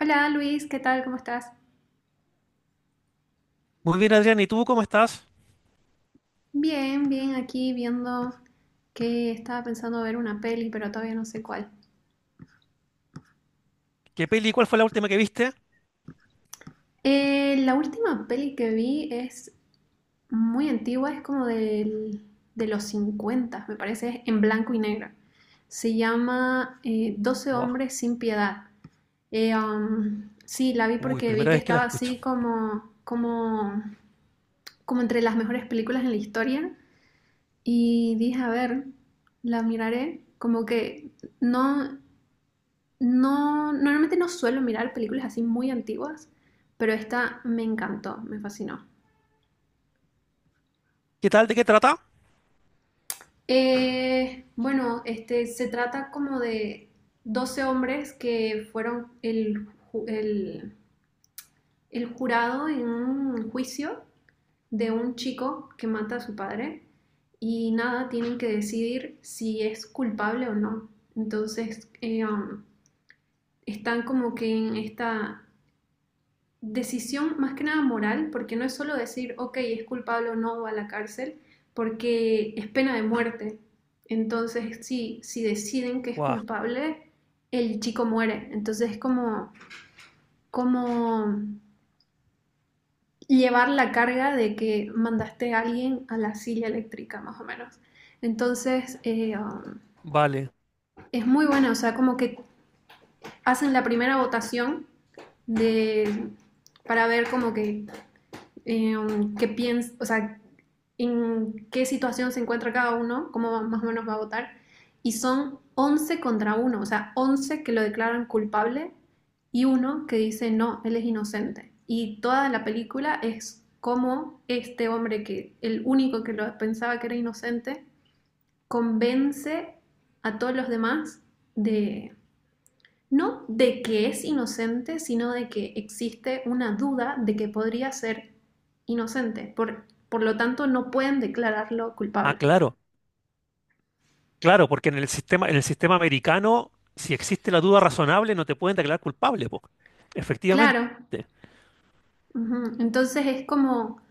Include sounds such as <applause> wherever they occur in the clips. Hola Luis, ¿qué tal? ¿Cómo estás? Muy bien, Adrián, ¿y tú cómo estás? Bien, bien, aquí viendo que estaba pensando ver una peli, pero todavía no sé cuál. ¿Qué peli, cuál fue la última que viste? La última peli que vi es muy antigua, es como de los 50, me parece, es en blanco y negro. Se llama 12 Buah. hombres sin piedad. Sí, la vi Uy, porque vi primera que vez que la estaba escucho. así como entre las mejores películas en la historia. Y dije, a ver, la miraré. Como que no, no, normalmente no suelo mirar películas así muy antiguas, pero esta me encantó, me fascinó. ¿Qué tal? ¿De qué trata? Bueno, este, se trata como de 12 hombres que fueron ju- el- el jurado en un juicio de un chico que mata a su padre y nada, tienen que decidir si es culpable o no. Entonces, están como que en esta decisión más que nada moral, porque no es solo decir, ok, es culpable o no va a la cárcel, porque es pena de muerte. Entonces, sí, si deciden que es Buah, culpable, el chico muere. Entonces es como, como llevar la carga de que mandaste a alguien a la silla eléctrica, más o menos. Entonces, vale. es muy buena, o sea, como que hacen la primera votación de, para ver como que o sea, en qué situación se encuentra cada uno, más o menos va a votar. Y son 11 contra uno, o sea, 11 que lo declaran culpable y uno que dice, no, él es inocente. Y toda la película es cómo este hombre, que el único que lo pensaba que era inocente, convence a todos los demás de, no de que es inocente, sino de que existe una duda de que podría ser inocente. Por lo tanto, no pueden declararlo Ah, culpable. claro, claro, porque en el sistema americano, si existe la duda razonable, no te pueden declarar culpable, po. Efectivamente. Claro. Ujú, entonces es como,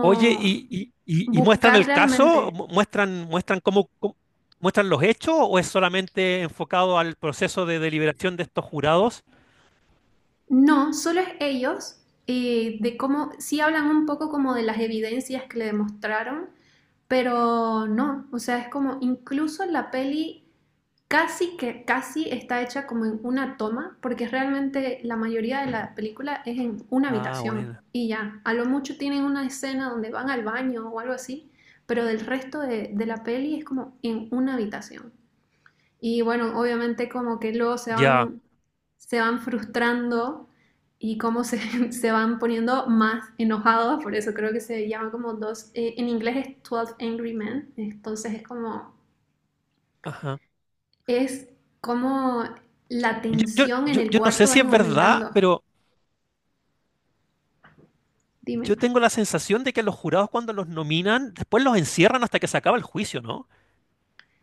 Oye, ¿Y muestran buscar el caso? realmente. ¿Muestran los hechos o es solamente enfocado al proceso de deliberación de estos jurados? No, solo es ellos, de cómo, sí hablan un poco como de las evidencias que le demostraron, pero no, o sea, es como incluso la peli casi que casi está hecha como en una toma, porque realmente la mayoría de la película es en una Ah, habitación bueno. y ya. A lo mucho tienen una escena donde van al baño o algo así, pero del resto de la peli es como en una habitación. Y bueno, obviamente como que luego Ya. Se van frustrando y cómo se, <laughs> se van poniendo más enojados, por eso creo que se llama como en inglés es Twelve Angry Men, entonces Ajá. es cómo la Yo, yo, tensión en yo, el yo no sé cuarto va si es verdad, aumentando. pero Dime. yo tengo la sensación de que los jurados cuando los nominan, después los encierran hasta que se acaba el juicio, ¿no?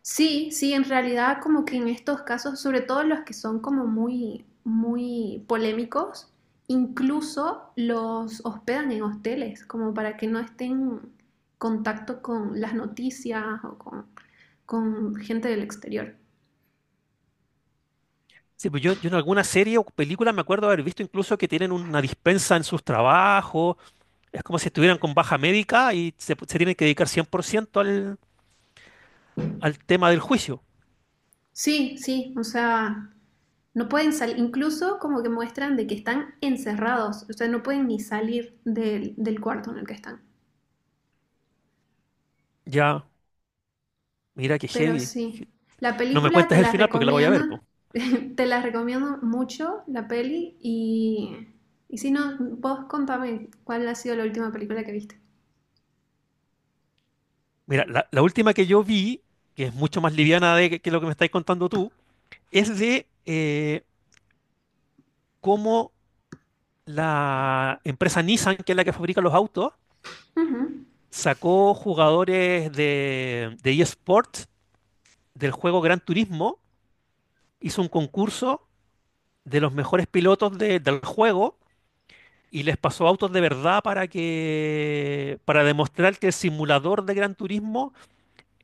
Sí, sí, en realidad como que en estos casos, sobre todo los que son como muy, muy polémicos, incluso los hospedan en hosteles, como para que no estén en contacto con las noticias o con gente del exterior. Sí, pues yo en alguna serie o película me acuerdo haber visto incluso que tienen una dispensa en sus trabajos, es como si estuvieran con baja médica y se tienen que dedicar 100% al tema del juicio. Sí, sí, o sea, no pueden salir, incluso como que muestran de que están encerrados, o sea, no pueden ni salir del cuarto en el que están. Ya, mira qué Pero heavy. sí, la No me película te cuentes el la final porque la voy a recomiendo, ver, po. <laughs> te la recomiendo mucho, la peli, y si no, vos contame cuál ha sido la última película que viste. Mira, la última que yo vi, que es mucho más liviana de que lo que me estáis contando tú, es de cómo la empresa Nissan, que es la que fabrica los autos, Ujú. sacó jugadores de eSports del juego Gran Turismo, hizo un concurso de los mejores pilotos del juego y les pasó autos de verdad para que, para demostrar que el simulador de Gran Turismo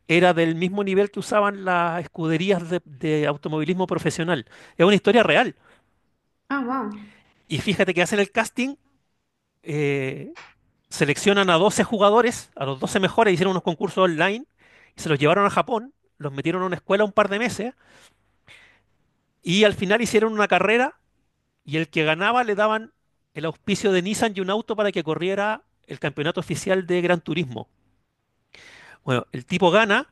era del mismo nivel que usaban las escuderías de automovilismo profesional. Es una historia real. Ah, wow. Y fíjate que hacen el casting, eh, seleccionan a 12 jugadores, a los 12 mejores, hicieron unos concursos online, y se los llevaron a Japón, los metieron a una escuela un par de meses. Y al final hicieron una carrera y el que ganaba le daban el auspicio de Nissan y un auto para que corriera el campeonato oficial de Gran Turismo. Bueno, el tipo gana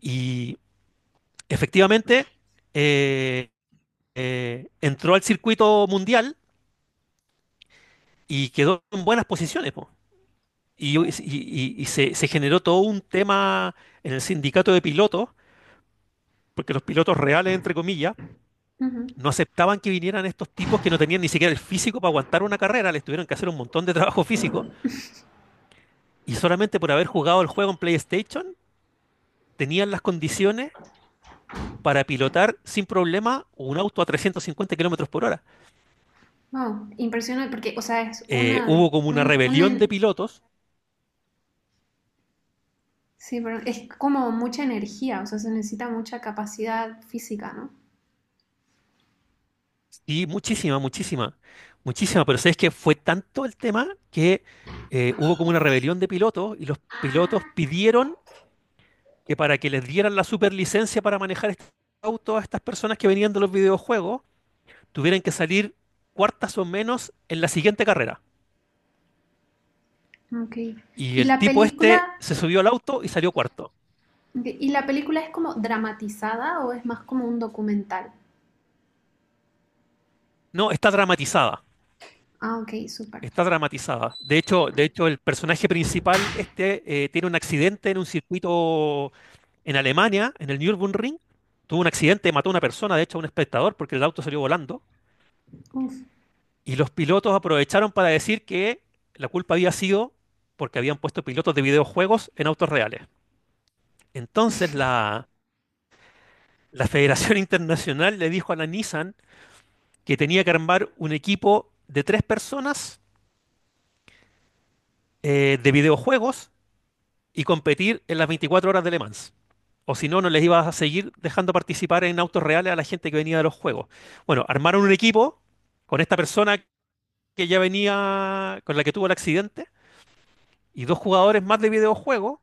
y efectivamente eh, entró al circuito mundial y quedó en buenas posiciones, po. Y se generó todo un tema en el sindicato de pilotos, porque los pilotos reales, entre comillas, Ujú. no aceptaban que vinieran estos tipos que no tenían ni siquiera el físico para aguantar una carrera, les tuvieron que hacer un montón de trabajo físico. Y solamente por haber jugado el juego en PlayStation, tenían las condiciones para pilotar sin problema un auto a 350 kilómetros por hora. Wow, impresionante, porque, o sea, es una, de- Hubo como una un- una, rebelión de en- pilotos, sí, pero es como mucha energía, o sea, se necesita mucha capacidad física, ¿no? y muchísima, muchísima, muchísima, pero sabes que fue tanto el tema que hubo como una rebelión de pilotos y los pilotos pidieron que para que les dieran la superlicencia para manejar este auto a estas personas que venían de los videojuegos, tuvieran que salir cuartas o menos en la siguiente carrera. Okay. Y ¿Y el la tipo este película, se subió al auto y salió cuarto. y la película es como dramatizada o es más como un documental? No, está dramatizada. Ah, ok, súper. Está dramatizada. De hecho, el personaje principal este tiene un accidente en un circuito en Alemania, en el Nürburgring. Tuvo un accidente, mató a una persona, de hecho, a un espectador, porque el auto salió volando. Uf. Y los pilotos aprovecharon para decir que la culpa había sido porque habían puesto pilotos de videojuegos en autos reales. Entonces la Federación <laughs> Internacional le dijo a la Nissan que tenía que armar un equipo de tres personas de videojuegos y competir en las 24 horas de Le Mans. O si no, no les ibas a seguir dejando participar en autos reales a la gente que venía de los juegos. Bueno, armaron un equipo con esta persona que ya venía, con la que tuvo el accidente, y dos jugadores más de videojuegos,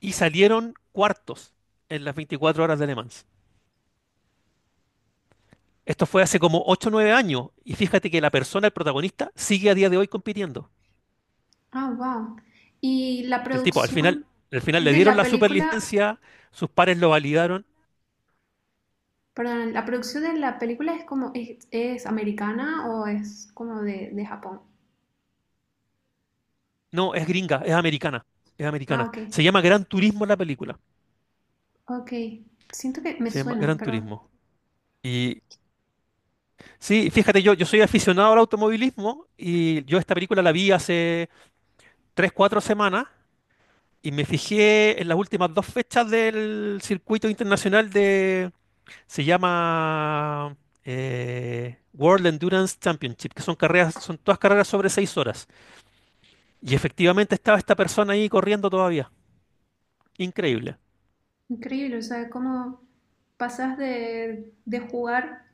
y salieron cuartos en las 24 horas de Le Mans. Esto fue hace como ocho o 9 años, y fíjate que la persona, el protagonista, sigue a día de hoy compitiendo. Ah, wow. ¿Y la El tipo, producción al final le de dieron la la película, superlicencia, sus pares lo validaron. perdón, la producción de la película es como, es americana o es como de Japón? No, es gringa, es americana, es Ah, americana. ok, Se llama Gran Turismo la película. ok. Siento que me Se llama suena, Gran pero Turismo. Y sí, fíjate, yo soy aficionado al automovilismo y yo esta película la vi hace 3, 4 semanas y me fijé en las últimas dos fechas del circuito internacional de, se llama World Endurance Championship, que son carreras, son todas carreras sobre 6 horas. Y efectivamente estaba esta persona ahí corriendo todavía. Increíble. increíble, o sea, cómo pasas de jugar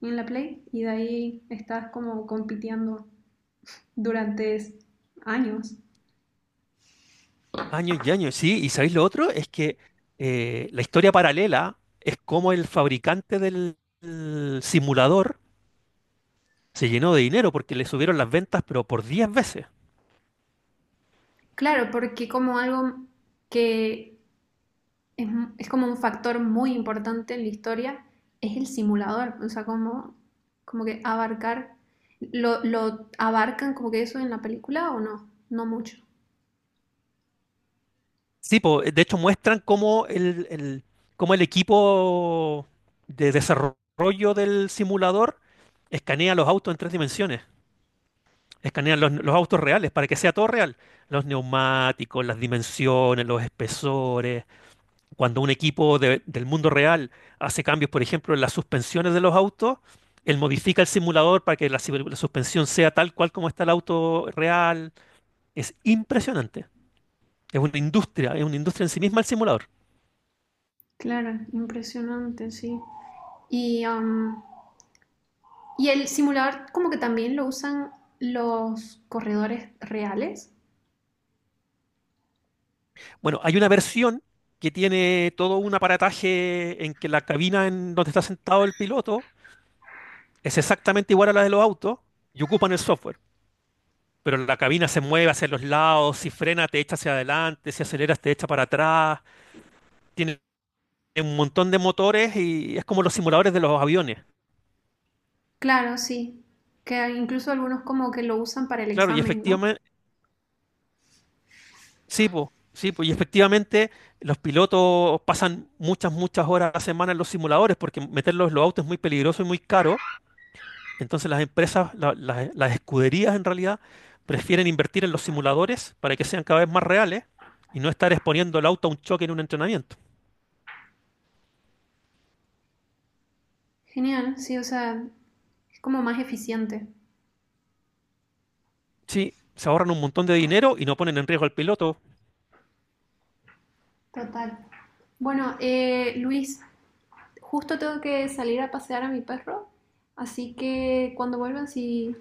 en la Play y de ahí estás como compitiendo durante años. Años y años, sí. ¿Y sabéis lo otro? Es que la historia paralela es como el fabricante del simulador se llenó de dinero porque le subieron las ventas, pero por 10 veces. Claro, porque como algo que es, como un factor muy importante en la historia es el simulador, o sea, como, como que abarcar, lo abarcan como que eso en la película o no, no mucho. Sí, po, de hecho muestran cómo cómo el equipo de desarrollo del simulador escanea los autos en tres dimensiones. Escanean los autos reales para que sea todo real. Los neumáticos, las dimensiones, los espesores. Cuando un equipo del mundo real hace cambios, por ejemplo, en las suspensiones de los autos, él modifica el simulador para que la, la suspensión sea tal cual como está el auto real. Es impresionante. Es una industria en sí misma el simulador. Claro, impresionante, sí. Y, um, y el simulador como que también lo usan los corredores reales. Bueno, hay una versión que tiene todo un aparataje en que la cabina en donde está sentado el piloto es exactamente igual a la de los autos y ocupan el software. Pero la cabina se mueve hacia los lados, si frena te echa hacia adelante, si aceleras te echa para atrás, tiene un montón de motores y es como los simuladores de los aviones. Claro, sí, que incluso algunos como que lo usan para el Claro, y examen, ¿no? efectivamente, sí, pues, sí, po, y efectivamente los pilotos pasan muchas, muchas horas a la semana en los simuladores porque meterlos en los autos es muy peligroso y muy caro. Entonces las empresas, las escuderías en realidad, prefieren invertir en los simuladores para que sean cada vez más reales y no estar exponiendo el auto a un choque en un entrenamiento. Genial, sí, o sea, es como más eficiente. Sí, se ahorran un montón de dinero y no ponen en riesgo al piloto. Total. Bueno, Luis, justo tengo que salir a pasear a mi perro, así que cuando vuelvan, si,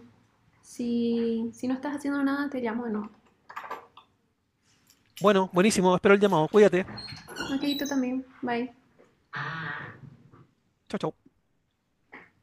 si, si no estás haciendo nada, te llamo de nuevo. Bueno, buenísimo, espero el llamado. Cuídate. Ok, tú también, bye. Chao, chao.